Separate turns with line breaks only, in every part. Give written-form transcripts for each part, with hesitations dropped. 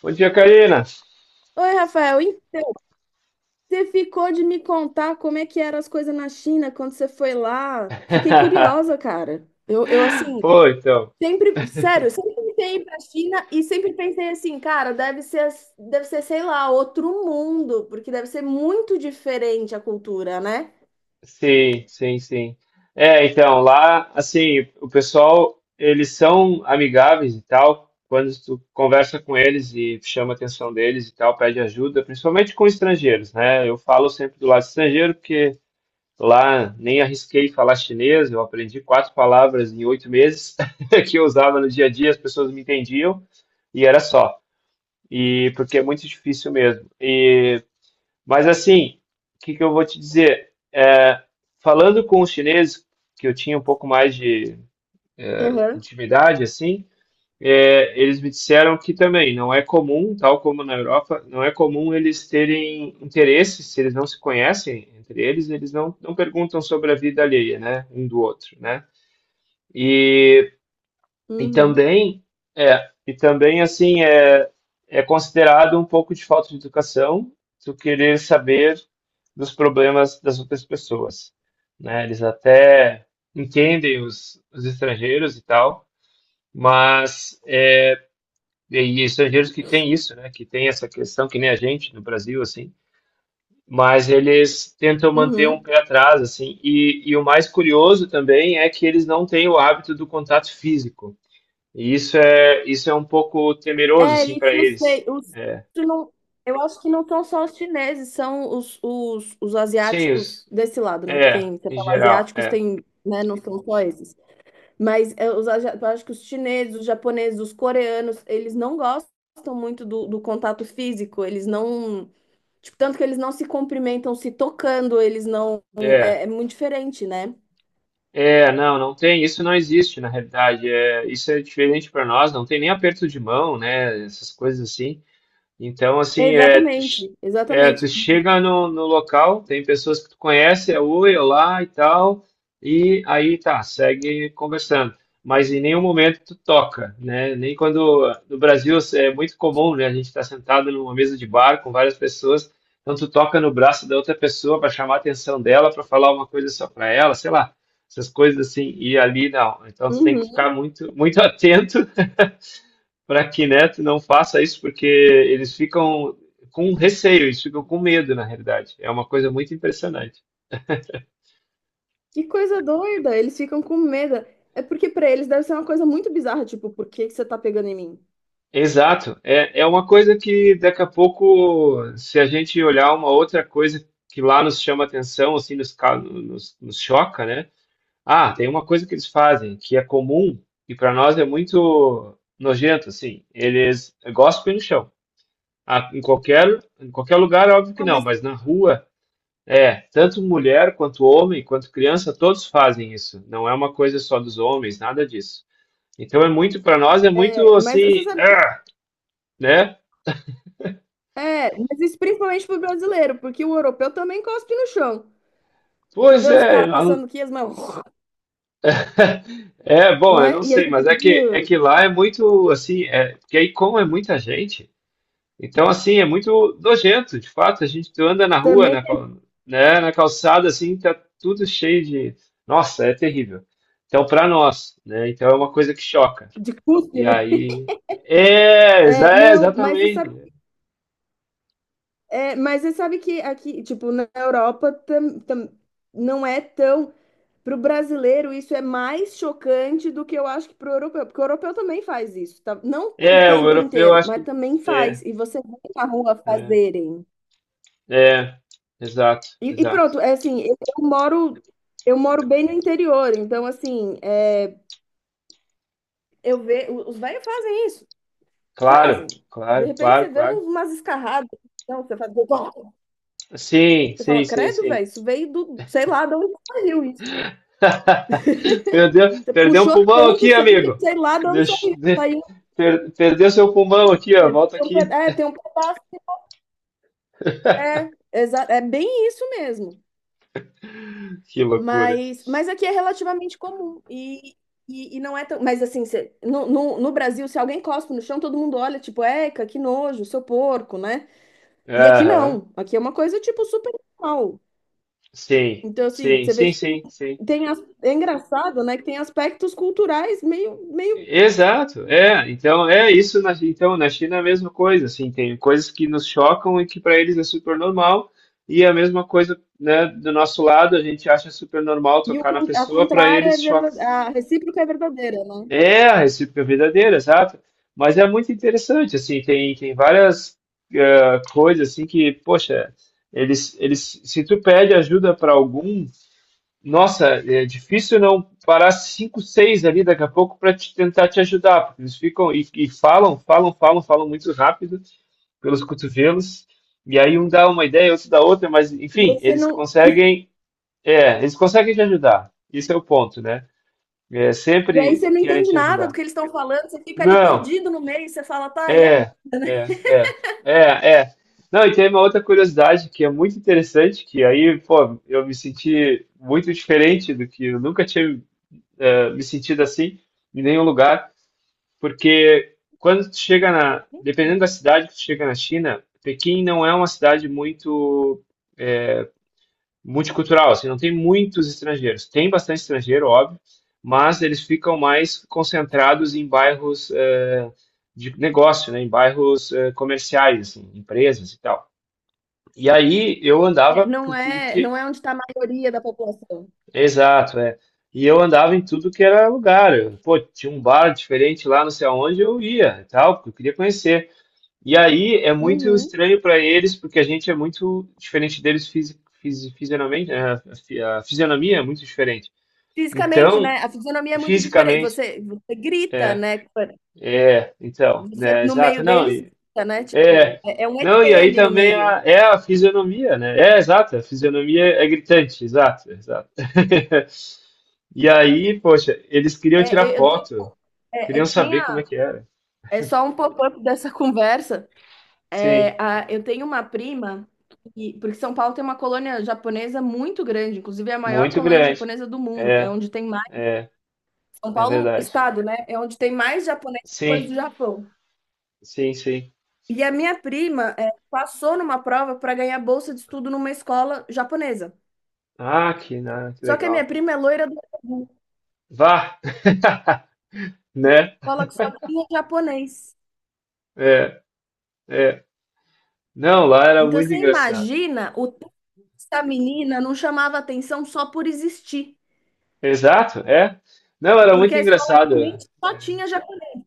Bom dia, Karina.
Oi, Rafael, e você ficou de me contar como é que eram as coisas na China quando você foi lá? Fiquei curiosa, cara. Eu assim,
Pô, então.
sempre, sério, sempre tentei ir pra China e sempre pensei assim, cara, deve ser, deve ser, sei lá, outro mundo, porque deve ser muito diferente a cultura, né?
Sim, sim, sim. É, então, lá, assim, o pessoal, eles são amigáveis e tal. Quando tu conversa com eles e chama a atenção deles e tal, pede ajuda, principalmente com estrangeiros, né? Eu falo sempre do lado estrangeiro, porque lá nem arrisquei falar chinês, eu aprendi quatro palavras em 8 meses que eu usava no dia a dia, as pessoas me entendiam e era só. E porque é muito difícil mesmo. Mas assim, o que que eu vou te dizer? É, falando com os chineses, que eu tinha um pouco mais de
Uhum.
intimidade, assim, é, eles me disseram que também não é comum, tal como na Europa, não é comum eles terem interesse, se eles não se conhecem entre eles, eles não, não perguntam sobre a vida alheia, né, um do outro, né? E e
Uhum.
também é, e também assim é, é considerado um pouco de falta de educação tu querer saber dos problemas das outras pessoas, né? Eles até entendem os estrangeiros e tal, mas é, e estrangeiros que têm isso, né? Que têm essa questão que nem a gente no Brasil assim, mas eles tentam manter um
Uhum.
pé atrás assim. E o mais curioso também é que eles não têm o hábito do contato físico. E isso é um pouco temeroso,
É,
assim,
isso
para
eu
eles.
sei. Os, isso não, Eu acho que não são só os chineses, são os
Sim,
asiáticos desse lado, né? Porque
é,
tem, você
em
fala
geral,
asiáticos,
é,
tem, né? Não são só esses. Mas é, eu acho que os chineses, os japoneses, os coreanos, eles não gostam muito do contato físico. Eles não. Tipo, tanto que eles não se cumprimentam se tocando, eles não. É,
é,
é muito diferente, né?
é, não, não tem, isso não existe na realidade. É, isso é diferente para nós, não tem nem aperto de mão, né? Essas coisas assim. Então, assim,
Exatamente,
é, tu
exatamente.
chega no local, tem pessoas que tu conhece, é oi, olá e tal, e aí tá, segue conversando. Mas em nenhum momento tu toca, né? Nem quando no Brasil é muito comum, né? A gente está sentado numa mesa de bar com várias pessoas, então tu toca no braço da outra pessoa para chamar a atenção dela, para falar uma coisa só para ela, sei lá, essas coisas assim. E ali não. Então tu tem que
Uhum.
ficar muito, muito atento para que Neto não faça isso, porque eles ficam com receio, eles ficam com medo, na realidade. É uma coisa muito impressionante.
Que coisa doida, eles ficam com medo. É porque pra eles deve ser uma coisa muito bizarra, tipo, por que que você tá pegando em mim?
Exato. É, é uma coisa que daqui a pouco, se a gente olhar uma outra coisa que lá nos chama atenção, assim, nos choca, né? Ah, tem uma coisa que eles fazem que é comum e para nós é muito nojento, assim. Eles gospem no chão. Ah, em qualquer lugar, óbvio que
Ah,
não,
mas
mas na rua. É, tanto mulher quanto homem, quanto criança, todos fazem isso. Não é uma coisa só dos homens, nada disso. Então é muito, para nós é muito
é, mas você
assim,
sabe que
ah, né?
é, mas isso principalmente pro brasileiro, porque o europeu também cospe no chão. Você
Pois
vê os
é,
caras passando aqui, as mãos,
é bom, eu
né?
não
E a
sei,
gente
mas é que é
"Ih",
que lá é muito assim, é, porque aí como é muita gente, então assim é muito nojento, de fato. A gente tu anda na rua,
também
né, na calçada assim, tá tudo cheio de, nossa, é terrível. Então para nós, né? Então é uma coisa que choca.
de cuspe,
E
né?
aí. É, exa-
É,
é,
não, mas você sabe,
exatamente.
é, mas você sabe que aqui, tipo, na Europa não é tão. Para o brasileiro, isso é mais chocante do que eu acho que para o europeu, porque o europeu também faz isso, tá? Não o
É, o
tempo
europeu
inteiro,
acho
mas
que.
também
É,
faz. E você vê na rua
é,
fazerem.
é, exato, exato.
É assim, eu moro bem no interior, então assim, é, eu vejo, os velhos fazem isso,
Claro,
fazem. De
claro,
repente você
claro,
vê
claro.
umas escarradas, então você faz, você
Sim, sim,
fala,
sim,
credo,
sim.
velho, isso veio do, sei lá de onde saiu isso.
Perdeu,
Você
perdeu um
puxou
pulmão
tanto
aqui,
isso aí que
amigo.
sei lá de onde
Deix-
saiu.
de-
Saiu,
Perdeu seu pulmão aqui, ó.
é, tem
Volta
um
aqui.
pedaço. É bem isso mesmo.
Que loucura.
Mas aqui é relativamente comum. E não é tão. Mas assim, no Brasil, se alguém cospe no chão, todo mundo olha, tipo, eca, que nojo, seu porco, né? E aqui
Aham.
não. Aqui é uma coisa, tipo, super normal.
Sim,
Então, assim,
sim,
você vê
sim,
que tem,
sim, sim.
tem é engraçado, né? Que tem aspectos culturais meio.
Exato, é, então é isso, então na China é a mesma coisa, assim, tem coisas que nos chocam e que para eles é super normal, e a mesma coisa, né, do nosso lado, a gente acha super normal
E o,
tocar na
a
pessoa, para
contrária é
eles choca.
verdadeira, a recíproca é verdadeira, né?
É, a recíproca é verdadeira, exato, mas é muito interessante, assim, tem, tem várias coisas, assim, que, poxa, eles, se tu pede ajuda para algum, nossa, é difícil não parar cinco, seis ali daqui a pouco para te tentar te ajudar, porque eles ficam e falam, falam, falam, falam muito rápido pelos cotovelos, e aí um dá uma ideia, outro dá outra, mas
E aí
enfim,
você
eles
não,
conseguem, é, eles conseguem te ajudar. Esse é o ponto, né? É,
E aí
sempre
você não
querem
entende
te
nada do
ajudar.
que eles estão falando, você fica ali
Não,
perdido no meio, você fala, tá, e agora,
é,
né?
é, é, é, é. Não, e tem uma outra curiosidade que é muito interessante, que aí, pô, eu me senti muito diferente do que eu nunca tinha me sentido assim em nenhum lugar, porque quando tu chega na, dependendo da cidade que tu chega na China, Pequim não é uma cidade muito eh, multicultural, assim, não tem muitos estrangeiros. Tem bastante estrangeiro, óbvio, mas eles ficam mais concentrados em bairros de negócio, né, em bairros comerciais, assim, empresas e tal. E aí eu
É,
andava
não
por tudo
é,
que.
não é onde está a maioria da população.
Exato, é. E eu andava em tudo que era lugar. Pô, tinha um bar diferente lá, não sei aonde, eu ia e tal, porque eu queria conhecer. E aí é muito
Uhum.
estranho para eles, porque a gente é muito diferente deles fisionomamente, né? A fisionomia é muito diferente.
Fisicamente,
Então,
né? A fisionomia é muito diferente.
fisicamente,
Você, você grita,
é,
né?
é, então,
Você
né,
no
exato,
meio
não,
deles grita, né? Tipo,
é.
é, é um
Não, e
ET
aí
ali no
também
meio.
é a fisionomia, né? É, exato, a fisionomia é gritante, exato, exato. E aí, poxa, eles queriam tirar
É, eu eu tenho,
foto,
é, é
queriam
que nem
saber como é
a.
que era.
É só um pop-up dessa conversa. É,
Sim,
a, eu tenho uma prima, porque São Paulo tem uma colônia japonesa muito grande, inclusive é a maior
muito
colônia
grande.
japonesa do mundo, é
É,
onde tem
é,
São
é
Paulo,
verdade.
estado, né? É onde tem mais japonês depois
Sim,
do Japão.
sim, sim.
E a minha prima é, passou numa prova para ganhar bolsa de estudo numa escola japonesa.
Ah, que
Só que a minha
legal.
prima é loira do Sul,
Vá, né?
escola que só tinha japonês.
É, é. Não, lá era
Então
muito
você
engraçado.
imagina o tanto que essa menina não chamava atenção só por existir,
Exato, é. Não, era
porque
muito
a escola
engraçado.
realmente só tinha japonês.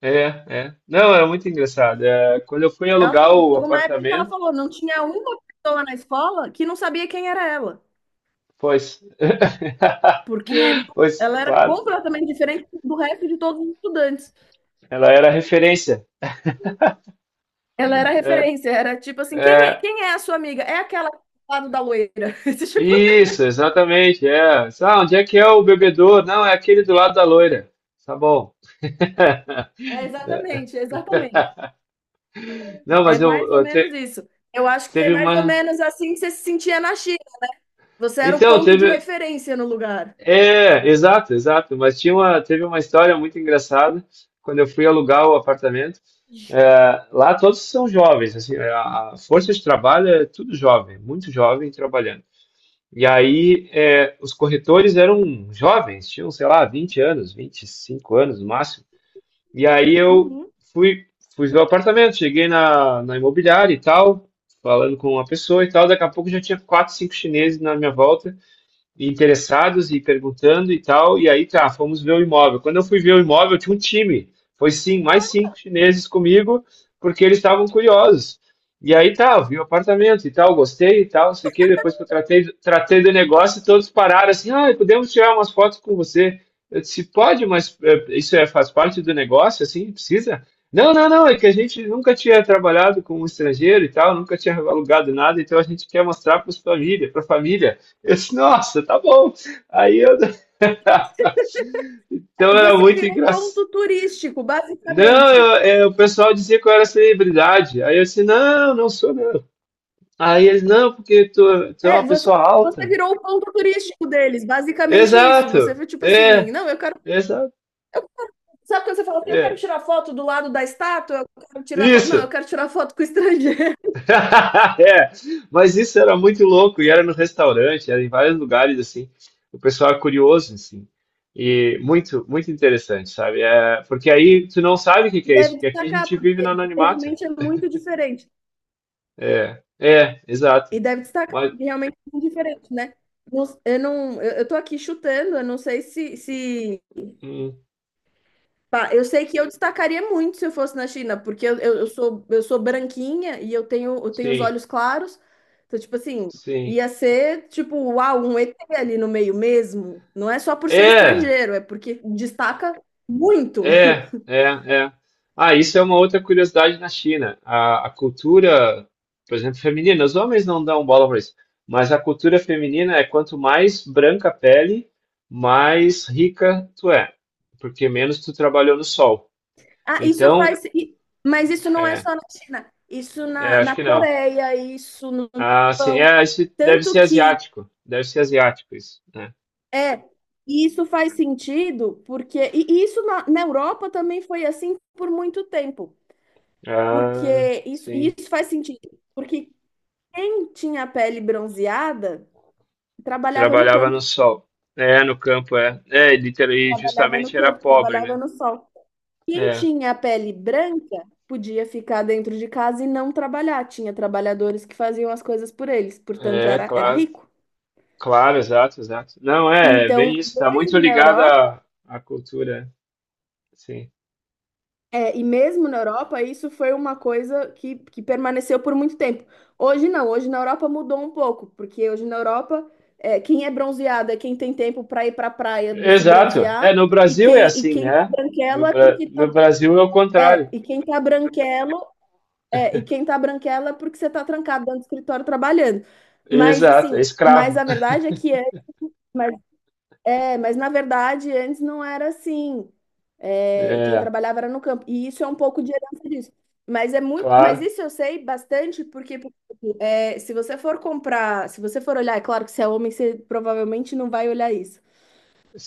É, é. É. Não, era muito engraçado. É, quando eu fui alugar o
Chegou uma época que ela
apartamento,
falou, não tinha uma pessoa na escola que não sabia quem era ela,
pois,
porque
pois,
ela era
claro,
completamente diferente do resto de todos os estudantes.
ela era referência.
Ela era
É.
referência, era tipo assim,
É,
quem é a sua amiga? É aquela do lado da loira. Esse tipo.
isso, exatamente. É. Ah, onde é que é o bebedouro? Não, é aquele do lado da loira. Tá bom.
Exatamente.
Não,
É
mas eu,
mais ou
eu
menos isso. Eu acho que é
teve
mais ou
uma.
menos assim que você se sentia na China. Você era o
Então,
ponto de
teve.
referência no lugar.
É, exato, exato. Mas tinha uma, teve uma história muito engraçada quando eu fui alugar o apartamento. É, lá todos são jovens, assim, a força de trabalho é tudo jovem, muito jovem trabalhando. E aí, é, os corretores eram jovens, tinham, sei lá, 20 anos, 25 anos no máximo. E aí eu
Uhum.
fui, fui ver o apartamento, cheguei na imobiliária e tal, falando com uma pessoa e tal. Daqui a pouco já tinha quatro, cinco chineses na minha volta interessados e perguntando e tal. E aí tá, fomos ver o imóvel. Quando eu fui ver o imóvel, tinha um time. Foi sim, mais cinco chineses comigo, porque eles estavam curiosos. E aí tá, eu vi o apartamento e tal, gostei e tal, não sei o quê. Depois que eu tratei, tratei do negócio, todos pararam assim, ah, podemos tirar umas fotos com você. Eu disse, pode, mas é, isso é, faz parte do negócio, assim, precisa? Não, não, não, é que a gente nunca tinha trabalhado com um estrangeiro e tal, nunca tinha alugado nada, então a gente quer mostrar para a família, para a família. Eu disse, nossa, tá bom. Aí eu. Então era
Você
muito
virou
engraçado.
ponto turístico,
Não,
basicamente.
o pessoal dizia que eu era celebridade. Aí eu disse, não, não sou não. Aí eles, não, porque tu é
É,
uma
você,
pessoa
você
alta.
virou o ponto turístico deles, basicamente isso. Você
Exato,
foi tipo assim,
é,
não, eu quero.
exato,
eu- sabe quando você fala assim, eu quero
é.
tirar foto do lado da estátua? Eu quero tirar foto. Não,
Isso,
eu quero tirar foto com o estrangeiro.
é. Mas isso era muito louco e era no restaurante, era em vários lugares assim. O pessoal é curioso assim. E muito, muito interessante, sabe? É, porque aí tu não sabe o que
E
que é isso,
deve
porque aqui a
destacar,
gente vive no
porque
anonimato.
realmente é muito diferente.
É, é, exato.
E deve destacar,
Mas,
porque realmente é muito diferente, né? Eu não, eu tô aqui chutando, eu não sei se...
hum,
pá, eu sei que eu destacaria muito se eu fosse na China, porque eu sou branquinha e eu tenho os
sim,
olhos claros. Então, tipo assim,
sim.
ia ser, tipo, uau, um ET ali no meio mesmo. Não é só por ser
É,
estrangeiro, é porque destaca muito.
é, é, é. Ah, isso é uma outra curiosidade na China. A cultura, por exemplo, feminina, os homens não dão bola para isso, mas a cultura feminina é quanto mais branca a pele, mais rica tu é, porque menos tu trabalhou no sol.
Ah, isso
Então,
faz. Mas isso não é
é,
só na China. Isso
é, acho
na
que não.
Coreia, isso no
Ah, sim,
Japão.
é, isso
Tanto que
deve ser asiático isso, né?
é. E isso faz sentido, porque. E isso na Europa também foi assim por muito tempo.
Ah,
Porque isso, e
sim.
isso faz sentido. Porque quem tinha a pele bronzeada trabalhava no
Trabalhava no
campo,
sol. É, no campo, é. É, e justamente era pobre,
trabalhava
né?
no sol. Quem
É,
tinha a pele branca podia ficar dentro de casa e não trabalhar. Tinha trabalhadores que faziam as coisas por eles, portanto
é,
era
claro.
rico.
Claro, exato, exato. Não, é, é
Então,
bem isso, tá muito
mesmo na
ligado
Europa,
à cultura, sim.
mesmo na Europa, isso foi uma coisa que permaneceu por muito tempo. Hoje não, hoje na Europa mudou um pouco, porque hoje na Europa, é, quem é bronzeado é quem tem tempo para ir para a praia se
Exato. É,
bronzear,
no Brasil é
e
assim,
quem tá
né?
branquelo
No,
é
Bra-
porque
no
tá,
Brasil é o
é,
contrário.
e quem tá branquelo é, e quem tá branquela é porque você tá trancado dentro do escritório trabalhando. Mas
Exato, é
assim, mas
escravo.
a verdade é que antes, mas, na verdade antes não era assim. É, quem
É,
trabalhava era no campo. E isso é um pouco de herança disso. Mas é muito, mas
claro,
isso eu sei bastante porque é, se você for comprar, se você for olhar, é claro que se é homem, você provavelmente não vai olhar isso.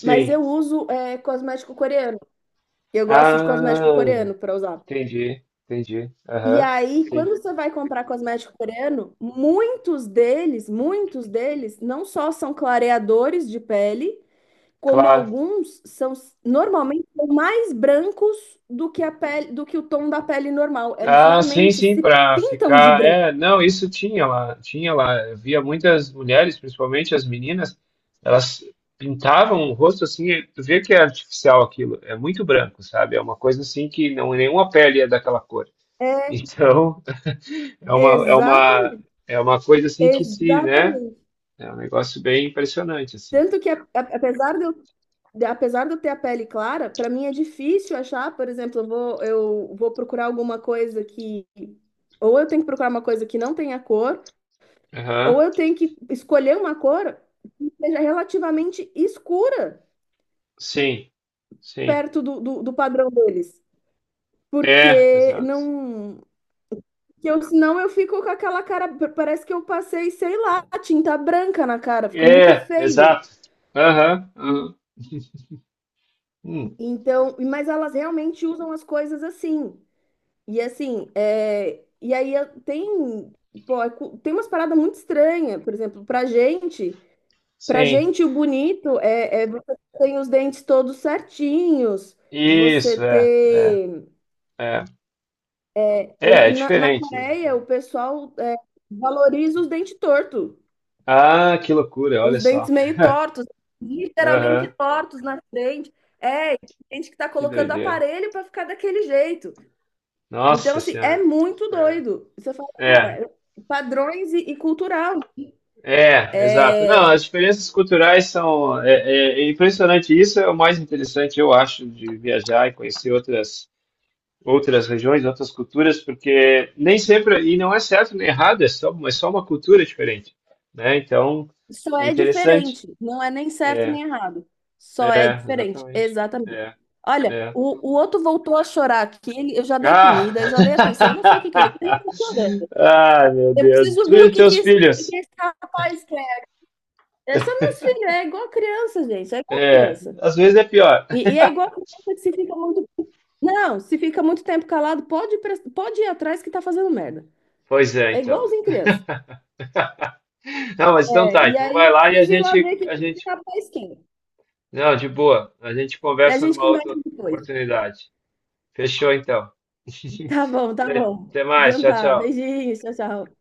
Mas eu uso é, cosmético coreano. Eu gosto de cosmético
Ah,
coreano para usar.
entendi, entendi.
E
Aham,
aí, quando
sim,
você vai comprar cosmético coreano, muitos deles, não só são clareadores de pele, como
claro.
alguns são normalmente são mais brancos do que a pele, do que o tom da pele normal. Eles
Ah, sim,
realmente
sim,
se
para
pintam de
ficar.
branco.
É, não, isso tinha lá, tinha lá. Eu via muitas mulheres, principalmente as meninas, elas pintavam o rosto assim, e tu vê que é artificial aquilo, é muito branco, sabe? É uma coisa assim que não é nenhuma pele é daquela cor. Então, é uma é uma
Exatamente,
é uma coisa assim que se, né?
exatamente.
É um negócio bem impressionante assim.
Tanto que, apesar de eu ter a pele clara, para mim é difícil achar, por exemplo, eu vou procurar alguma coisa que. Ou eu tenho que procurar uma coisa que não tenha cor, ou
Aham.
eu tenho que escolher uma cor que seja relativamente escura
Sim, sim.
perto do padrão deles.
É,
Porque
exato.
não. Que eu, senão eu fico com aquela cara. Parece que eu passei, sei lá, tinta branca na cara, fica muito
É,
feio.
exato. Aham. Aham. Hum,
Então, mas elas realmente usam as coisas assim. E assim, pô, tem umas paradas muito estranhas, por exemplo, pra
sim.
gente o bonito é, é você ter os dentes todos certinhos, você
Isso, é, é,
ter,
é. É, é
na
diferente.
Coreia
É.
o pessoal é, valoriza os dentes tortos,
Ah, que loucura, olha
os dentes
só.
meio tortos, literalmente
Aham,
tortos na frente, é, tem gente que tá
que
colocando
doideira.
aparelho pra ficar daquele jeito. Então,
Nossa
assim, é
Senhora.
muito
É,
doido. Você fala,
é,
cara, padrões e cultural.
é, exato. Não,
É,
as diferenças culturais são. É, é impressionante. Isso é o mais interessante, eu acho, de viajar e conhecer outras, regiões, outras culturas, porque nem sempre. E não é certo nem errado, é só uma cultura diferente, né? Então,
só
é
é
interessante.
diferente. Não é nem certo
É,
nem errado. Só é
é,
diferente.
exatamente.
Exatamente.
É,
Olha,
é.
o outro voltou a chorar aqui. Eu já dei
Ah!
comida, eu já dei atenção. Eu não sei o que que ele quer. Ele tá chorando.
Ah, meu
Eu
Deus.
preciso
Tu
ver o
e
que
teus
que
filhos.
esse rapaz quer. É, são meus filhos, é igual criança, gente. É igual
É,
criança.
às vezes é pior.
É igual criança que se fica muito. Não, se fica muito tempo calado, pode, pode ir atrás que tá fazendo merda.
Pois é,
É
então, né?
igualzinho criança.
Não, mas então
É,
tá.
e
Então
aí
vai
eu
lá e a
preciso ir lá
gente,
ver que
a gente.
tá pra esquina.
Não, de boa. A gente
E a
conversa
gente
numa
conversa
outra
depois.
oportunidade. Fechou, então.
Tá bom, tá
Até
bom.
até mais.
Então
Tchau,
tá.
tchau.
Beijinhos, tchau, tchau.